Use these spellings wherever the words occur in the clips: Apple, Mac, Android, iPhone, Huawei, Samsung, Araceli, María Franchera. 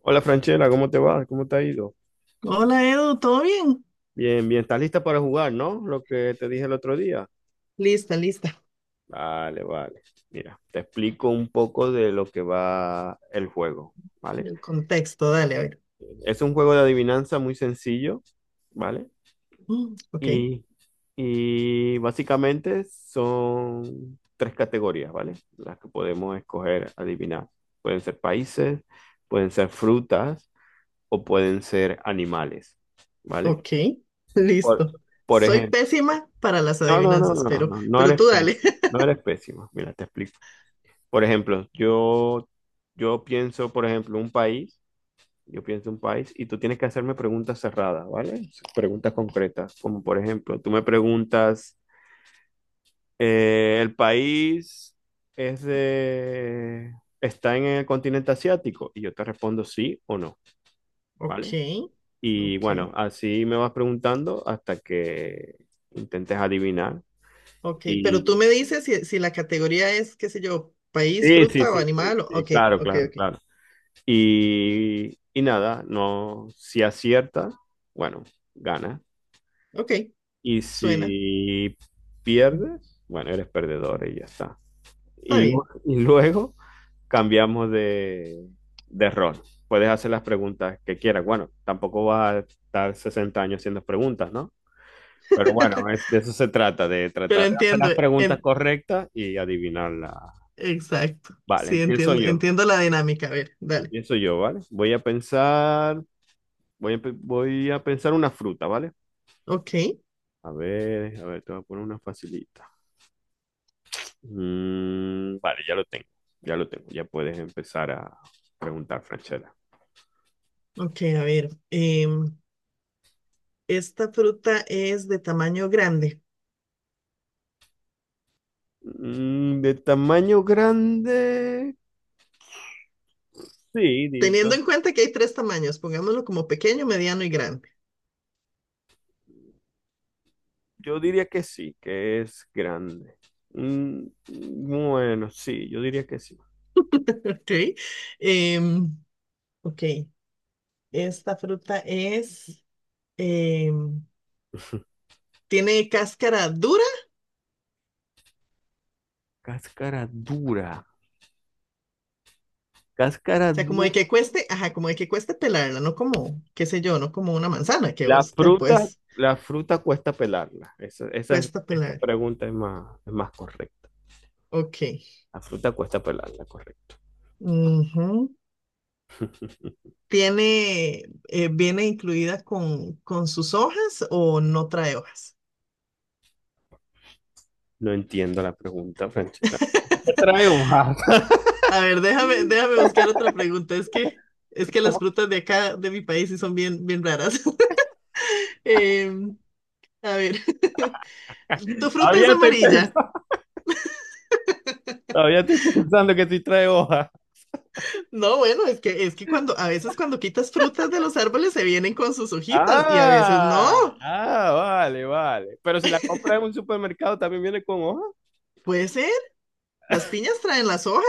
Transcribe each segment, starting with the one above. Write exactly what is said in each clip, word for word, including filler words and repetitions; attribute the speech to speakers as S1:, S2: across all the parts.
S1: Hola Franchela, ¿cómo te va? ¿Cómo te ha ido?
S2: Hola Edu, ¿todo bien?
S1: Bien, bien, ¿estás lista para jugar, no? Lo que te dije el otro día.
S2: Lista, lista.
S1: Vale, vale. Mira, te explico un poco de lo que va el juego, ¿vale?
S2: El contexto, dale, a ver.
S1: Es un juego de adivinanza muy sencillo, ¿vale?
S2: Mm, ok,
S1: Y, y básicamente son tres categorías, ¿vale? Las que podemos escoger adivinar. Pueden ser países, pueden ser frutas o pueden ser animales, ¿vale?
S2: ok,
S1: Por,
S2: listo.
S1: por
S2: Soy
S1: ejemplo.
S2: pésima para las
S1: No, no, no,
S2: adivinanzas,
S1: no,
S2: pero,
S1: no, no
S2: pero
S1: eres
S2: tú dale.
S1: pésimo, no eres pésimo. Mira, te explico. Por ejemplo, yo, yo pienso, por ejemplo, un país, yo pienso un país y tú tienes que hacerme preguntas cerradas, ¿vale? Preguntas concretas, como por ejemplo, tú me preguntas, eh, ¿el país es de, está en el continente asiático? Y yo te respondo sí o no,
S2: Ok,
S1: ¿vale? Y
S2: ok,
S1: bueno, así me vas preguntando hasta que intentes adivinar.
S2: ok. Pero tú
S1: Y
S2: me dices si, si la categoría es, qué sé yo, país,
S1: sí, sí,
S2: fruta o
S1: sí, sí,
S2: animal. o-
S1: sí,
S2: Ok,
S1: claro,
S2: ok,
S1: claro,
S2: ok.
S1: claro. Y, y nada, no, si acierta, bueno, gana.
S2: Ok,
S1: Y
S2: suena.
S1: si pierdes, bueno, eres perdedor y ya está. Y,
S2: Está
S1: lu-
S2: bien.
S1: y luego cambiamos de, de rol. Puedes hacer las preguntas que quieras. Bueno, tampoco vas a estar sesenta años haciendo preguntas, ¿no? Pero bueno, es- de eso se trata, de
S2: Pero
S1: tratar de hacer
S2: entiendo,
S1: las preguntas
S2: en-
S1: correctas y adivinarlas.
S2: exacto.
S1: Vale,
S2: Sí,
S1: empiezo
S2: entiendo,
S1: yo.
S2: entiendo la dinámica. A ver, dale.
S1: Pienso yo, ¿vale? Voy a pensar, voy a, pe- voy a pensar una fruta, ¿vale?
S2: Ok,
S1: A ver, a ver, te voy a poner una facilita. Mm, vale, ya lo tengo, ya lo tengo, ya puedes empezar a preguntar, Franchella.
S2: ok, a ver. em, Esta fruta es de tamaño grande.
S1: Mm, de tamaño grande, sí, di- yo,
S2: Teniendo en cuenta que hay tres tamaños, pongámoslo como pequeño, mediano y grande.
S1: yo diría que sí, que es grande. Mm, mm, bueno, sí, yo diría que sí.
S2: Ok. Em, ok. Esta fruta es, em, tiene cáscara dura,
S1: Cáscara dura, cáscara
S2: o sea, como de
S1: dura.
S2: que cueste, ajá, como de que cueste pelarla, no como, qué sé yo, no como una manzana que
S1: La
S2: vos te
S1: fruta,
S2: puedes,
S1: la fruta cuesta pelarla. Esa, esa, es-
S2: cuesta
S1: esa
S2: pelar.
S1: pregunta es más, es más correcta.
S2: Ok.
S1: La fruta cuesta pelarla, correcto.
S2: Ujú. Tiene, eh, viene incluida con, con sus hojas o no trae hojas.
S1: No entiendo la pregunta, Franchela. ¿Qué trae hoja?
S2: A ver, déjame, déjame buscar otra pregunta. Es que, es que las
S1: ¿Cómo?
S2: frutas de acá, de mi país, sí son bien, bien raras. Em, a ver, ¿tu fruta es
S1: Todavía estoy
S2: amarilla?
S1: pensando, todavía estoy pensando que sí trae hoja.
S2: No, bueno, es que, es que cuando, a veces cuando quitas frutas de los árboles se vienen con sus hojitas y a veces no.
S1: Ah, ah, vale, vale. Pero si la compras en un supermercado, ¿también viene con hoja?
S2: Puede ser, las piñas traen las hojas,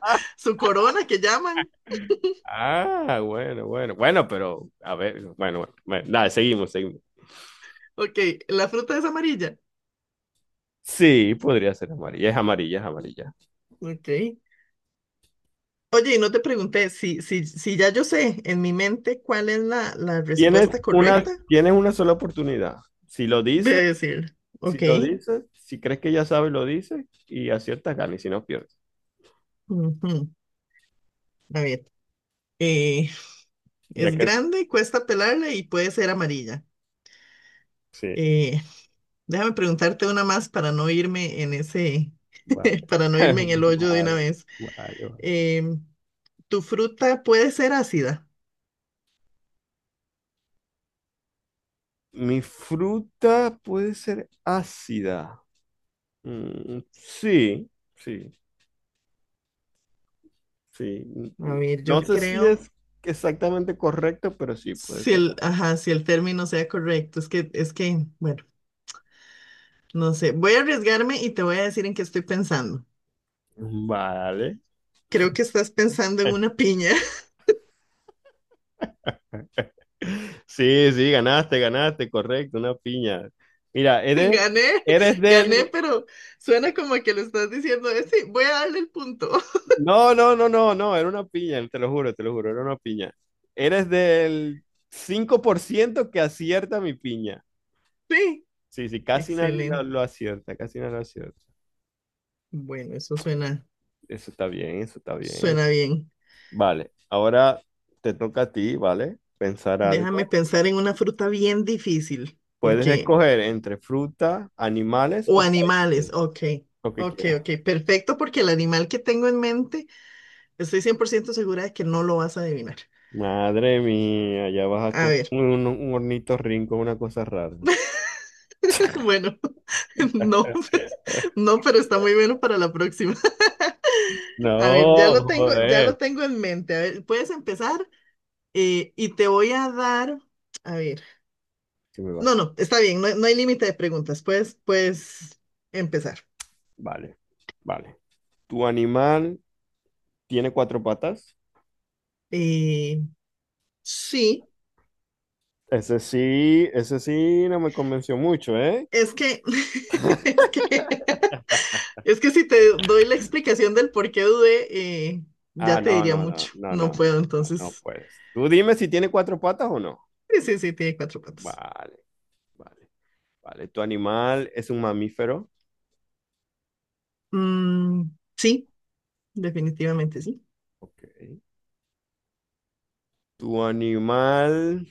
S1: Ah,
S2: su corona que llaman.
S1: ah, bueno, bueno. Bueno, pero, a ver, bueno, bueno, bueno. Nada, seguimos, seguimos.
S2: Ok, la fruta es amarilla.
S1: Sí, podría ser amarilla. Es amarilla, es amarilla.
S2: Ok. Oye, y no te pregunté si, si, si ya yo sé en mi mente cuál es la, la
S1: Tienes
S2: respuesta
S1: una,
S2: correcta.
S1: tienes una sola oportunidad. Si lo
S2: De
S1: dices,
S2: decir,
S1: si
S2: ok.
S1: lo dices, si crees que ya sabes, lo dices y aciertas, ganas y si no, pierdes.
S2: Ujú. A ver. eh,
S1: Ya
S2: es
S1: que,
S2: grande, cuesta pelarla y puede ser amarilla.
S1: sí.
S2: Eh, déjame preguntarte una más para no irme en ese,
S1: Vale,
S2: para no irme en el hoyo de una
S1: vale,
S2: vez.
S1: vale, vale.
S2: Em, ¿tu fruta puede ser ácida?
S1: Mi fruta puede ser ácida. Mm, sí, sí, sí.
S2: A ver,
S1: No
S2: yo
S1: sé si
S2: creo
S1: es exactamente correcto, pero sí puede
S2: si
S1: ser.
S2: el, ajá, si el término sea correcto. Es que, es que, bueno, no sé. Voy a arriesgarme y te voy a decir en qué estoy pensando.
S1: Vale.
S2: Creo que estás pensando en una piña.
S1: Sí, sí, ganaste, ganaste, correcto, una piña. Mira, eres,
S2: Gané,
S1: eres
S2: gané,
S1: del...
S2: pero suena como que le estás diciendo, "Eh, sí, voy a darle el punto."
S1: No, no, no, no, no, era una piña, te lo juro, te lo juro, era una piña. Eres del cinco por ciento que acierta mi piña.
S2: Sí,
S1: Sí, sí, casi nadie lo,
S2: excelente.
S1: lo acierta, casi nadie lo acierta.
S2: Bueno, eso suena,
S1: Eso está bien, eso está bien.
S2: suena bien.
S1: Vale, ahora te toca a ti, ¿vale? Pensar
S2: Déjame
S1: algo.
S2: pensar en una fruta bien difícil,
S1: Puedes
S2: porque,
S1: escoger entre fruta, animales
S2: o
S1: o
S2: animales,
S1: países,
S2: ok,
S1: lo que
S2: ok,
S1: quieras.
S2: ok, perfecto, porque el animal que tengo en mente, estoy cien por ciento segura de que no lo vas a adivinar.
S1: Madre mía, ya vas a
S2: A
S1: con
S2: ver,
S1: un, un hornito rinco, una cosa rara.
S2: Bueno, no, no, pero está muy bueno para la próxima. A ver, ya
S1: No,
S2: lo tengo, ya
S1: joder.
S2: lo tengo en mente. A ver, puedes empezar eh, y te voy a dar, a ver,
S1: ¿Qué me vas
S2: no,
S1: a-
S2: no, está bien, no, no hay límite de preguntas. Puedes, puedes empezar.
S1: Vale, vale. ¿Tu animal tiene cuatro patas?
S2: Eh, sí,
S1: Ese sí, ese sí no me convenció mucho, ¿eh?
S2: es que, es que, es que si te doy la explicación del por qué dudé, eh,
S1: Ah,
S2: ya te
S1: no,
S2: diría
S1: no, no,
S2: mucho.
S1: no, no,
S2: No
S1: no, no,
S2: puedo,
S1: no, no
S2: entonces.
S1: puedes. Tú dime si tiene cuatro patas o no.
S2: Sí, sí, sí, tiene cuatro patas.
S1: Vale, vale, vale. ¿Tu animal es un mamífero?
S2: Mm, sí, definitivamente sí.
S1: Ok. ¿Tu animal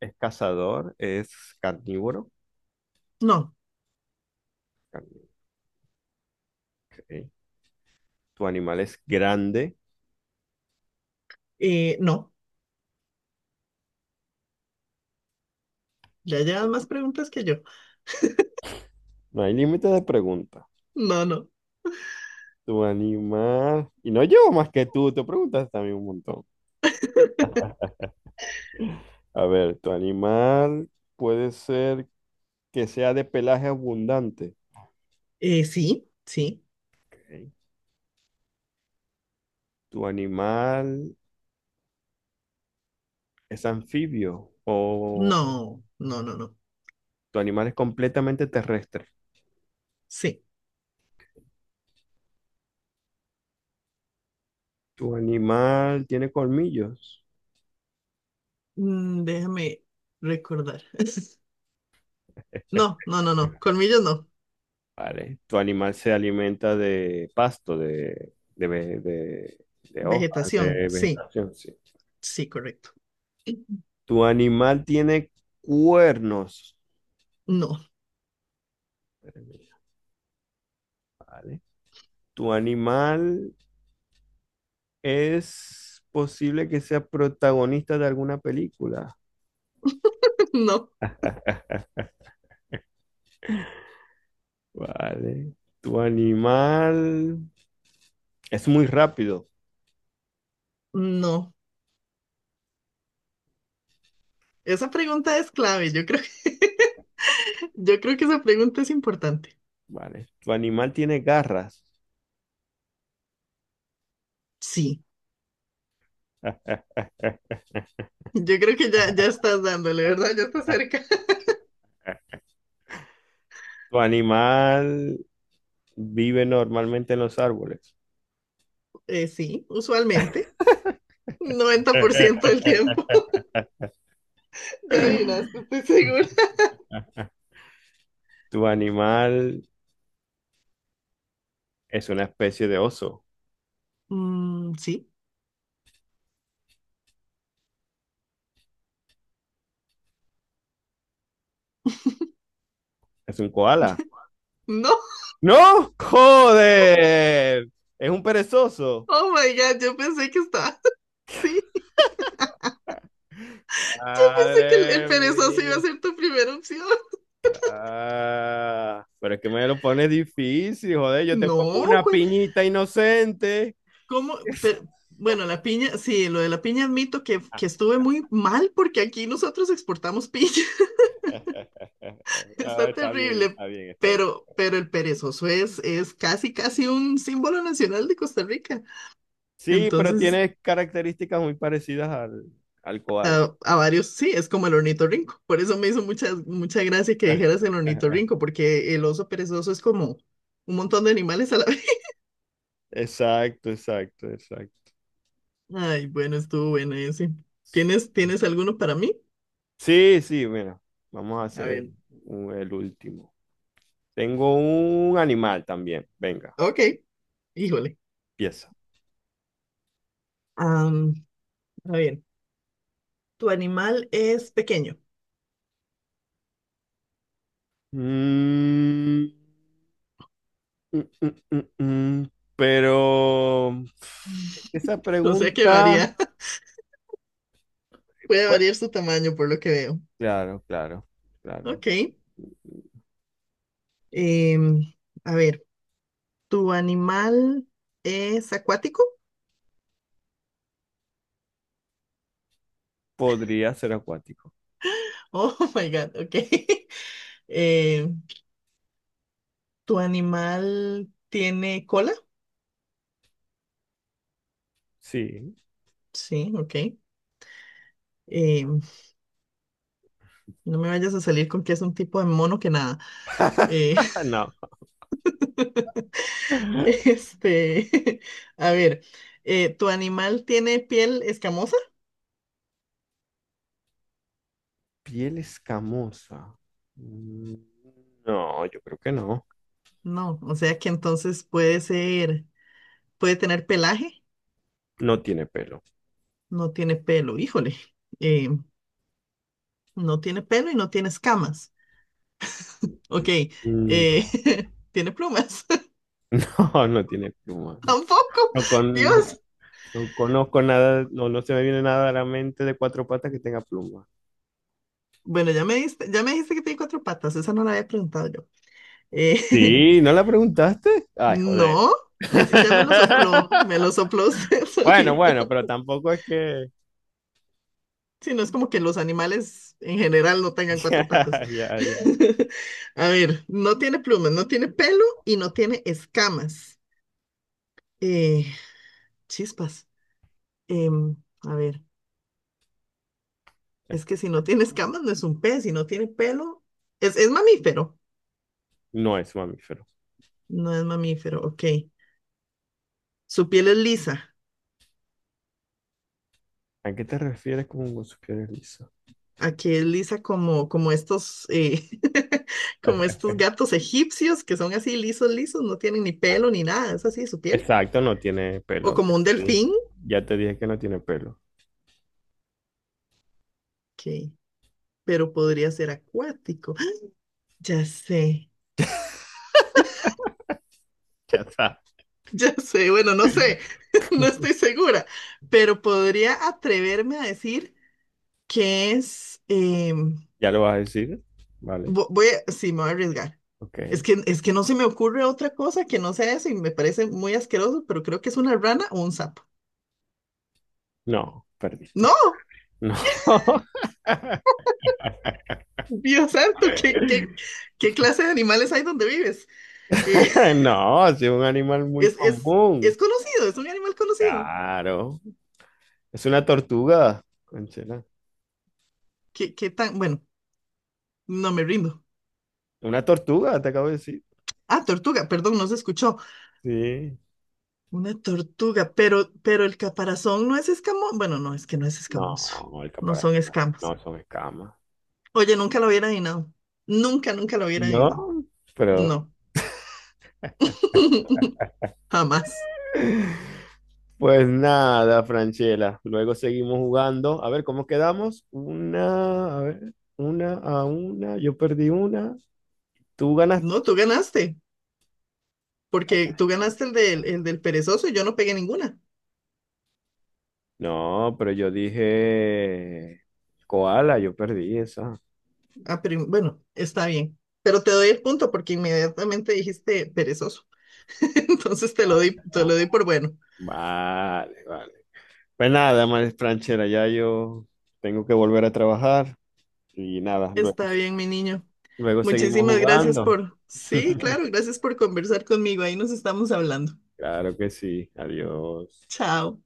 S1: es cazador? ¿Es carnívoro?
S2: No,
S1: Carn- ok. Tu animal es grande.
S2: eh, no. Ya llevas más preguntas que yo.
S1: No hay límite de preguntas.
S2: No, no.
S1: Tu animal. Y no llevo más que tú. Te preguntas también un montón. A ver, tu animal puede ser que sea de pelaje abundante.
S2: Eh, sí, sí.
S1: Ok. Tu animal es anfibio o
S2: No, no, no, no.
S1: tu animal es completamente terrestre.
S2: Sí.
S1: Tu animal tiene colmillos.
S2: Mm, déjame recordar. No, no, no, no. Colmillos no.
S1: Vale. Tu animal se alimenta de pasto, de, de, ve- de, de hojas,
S2: Vegetación.
S1: de
S2: Sí,
S1: vegetación, sí.
S2: sí, correcto.
S1: Tu animal tiene cuernos.
S2: No,
S1: Vale. Tu animal es posible que sea protagonista de alguna película.
S2: no,
S1: Vale. Tu animal es muy rápido.
S2: no. Esa pregunta es clave. Yo creo que, yo creo que esa pregunta es importante.
S1: Vale. Tu animal tiene garras.
S2: Sí. Yo creo que ya, ya estás dándole, ¿verdad? Ya estás cerca.
S1: Tu animal vive normalmente en los árboles.
S2: Eh, sí, usualmente. Noventa por ciento del tiempo. Ya adivinaste, estoy segura.
S1: Tu animal es una especie de oso.
S2: Mm, sí.
S1: Es un koala.
S2: No,
S1: ¡No! ¡Joder! Es un perezoso.
S2: oh my god, yo pensé que estaba así. Yo pensé que el, el
S1: Madre
S2: perezoso iba a
S1: mía.
S2: ser tu primera opción.
S1: Ah, pero es que me lo pones difícil, joder. Yo te pongo
S2: No,
S1: una
S2: güey,
S1: piñita inocente.
S2: ¿cómo? Pero, bueno, la piña, sí, lo de la piña admito que, que estuve muy mal porque aquí nosotros exportamos piña.
S1: No,
S2: Está
S1: está bien,
S2: terrible,
S1: está bien, está bien.
S2: pero, pero el perezoso es, es casi, casi un símbolo nacional de Costa Rica.
S1: Sí, pero
S2: Entonces,
S1: tiene características muy parecidas al, al koala.
S2: A, a varios sí, es como el ornitorrinco. Por eso me hizo mucha, mucha gracia que dijeras el ornitorrinco, porque el oso perezoso es como un montón de animales a la vez.
S1: Exacto, exacto, exacto.
S2: Ay, bueno, estuvo bueno ese. ¿Tienes, tienes alguno para mí?
S1: Sí, sí, mira, vamos a
S2: A
S1: hacer
S2: ver,
S1: un- el último. Tengo un animal también. Venga,
S2: ok, híjole.
S1: pieza.
S2: Am, a ver, tu animal es pequeño,
S1: Mm, mm, mm, mm, mm. Pero pf, esa
S2: o sea que
S1: pregunta,
S2: varía, puede
S1: pues,
S2: variar su tamaño por lo que veo.
S1: claro, claro, claro.
S2: Ok, em, a ver, ¿tu animal es acuático?
S1: Podría ser acuático.
S2: Oh my God, ok. Em, ¿Tu animal tiene cola?
S1: Sí.
S2: Sí, ok. Eh, no me vayas a salir con que es un tipo de mono que nada. Eh,
S1: No.
S2: este, a ver, eh, ¿tu animal tiene piel escamosa?
S1: Piel escamosa. Mm, No, yo creo que no.
S2: No, o sea que entonces puede ser, puede tener pelaje,
S1: No tiene pelo.
S2: no tiene pelo, híjole, eh, no tiene pelo y no tiene escamas. Ok,
S1: Mm,
S2: eh, tiene plumas,
S1: No, no tiene pluma.
S2: tampoco,
S1: No, con- no.
S2: Dios.
S1: No conozco nada, no, no se me viene nada a la mente de cuatro patas que tenga pluma.
S2: Bueno, ya me diste, ya me dijiste que tiene cuatro patas, esa no la había preguntado yo. Eh,
S1: Sí, ¿no la preguntaste? Ay, joder.
S2: no, eso ya me lo sopló, me lo sopló usted
S1: Bueno,
S2: solito.
S1: bueno, pero tampoco es que...
S2: Si no es como que los animales en general no tengan
S1: Ya,
S2: cuatro patas.
S1: ya, ya.
S2: A ver, no tiene plumas, no tiene pelo y no tiene escamas. Eh, chispas. Em, a ver, es que si no tiene escamas no es un pez, si no tiene pelo, es, es mamífero.
S1: No es mamífero.
S2: No es mamífero, ok. Su piel es lisa.
S1: ¿A qué te refieres con sus pies lisos?
S2: Aquí es lisa como, como estos, eh, como estos gatos egipcios que son así lisos, lisos, no tienen ni pelo ni nada, es así su piel.
S1: Exacto, no tiene
S2: O
S1: pelo.
S2: como
S1: Ya
S2: un
S1: te dije,
S2: delfín,
S1: ya te dije que no tiene pelo.
S2: que, pero podría ser acuático. Ya sé,
S1: Ya está.
S2: ya sé, bueno, no sé, no estoy segura, pero podría atreverme a decir que es, em,
S1: ¿Ya lo vas a decir? Vale,
S2: vo- voy a, sí, me voy a arriesgar. Es
S1: ok.
S2: que, es que no se me ocurre otra cosa que no sea eso y me parece muy asqueroso, pero creo que es una rana o un sapo.
S1: No, perdiste.
S2: No.
S1: No.
S2: Dios santo, ¿qué, qué, qué clase de animales hay donde vives? Eh,
S1: No, es un animal muy
S2: es, es,
S1: común.
S2: es conocido, es un animal conocido.
S1: Claro. Es una tortuga, conchera.
S2: ¿Qué, qué tan? Bueno, no me rindo.
S1: Una tortuga, te acabo de decir.
S2: Ah, tortuga, perdón, no se escuchó.
S1: Sí.
S2: Una tortuga, pero, pero el caparazón no es escamoso. Bueno, no, es que no es escamoso.
S1: No, el
S2: No son
S1: caparazón.
S2: escamas.
S1: No, son escamas.
S2: Oye, nunca lo hubiera adivinado. Nunca, nunca lo hubiera adivinado.
S1: No, pero...
S2: No. Jamás.
S1: Pues nada, Franchela. Luego seguimos jugando. A ver, ¿cómo quedamos? Una, a ver, una a una. Yo perdí una. Tú ganas.
S2: No, tú ganaste, porque tú ganaste el del, el del perezoso y yo no pegué ninguna.
S1: No, pero yo dije koala, yo perdí esa.
S2: Ah, pero bueno, está bien. Pero te doy el punto porque inmediatamente dijiste perezoso. Entonces te lo doy, te
S1: Ah,
S2: lo doy por bueno.
S1: vale, vale. Pues nada, María Franchera, ya yo tengo que volver a trabajar y nada, luego,
S2: Está bien, mi niño.
S1: luego seguimos
S2: Muchísimas gracias
S1: jugando.
S2: por... Sí, claro, gracias por conversar conmigo. Ahí nos estamos hablando.
S1: Claro que sí, adiós.
S2: Chao.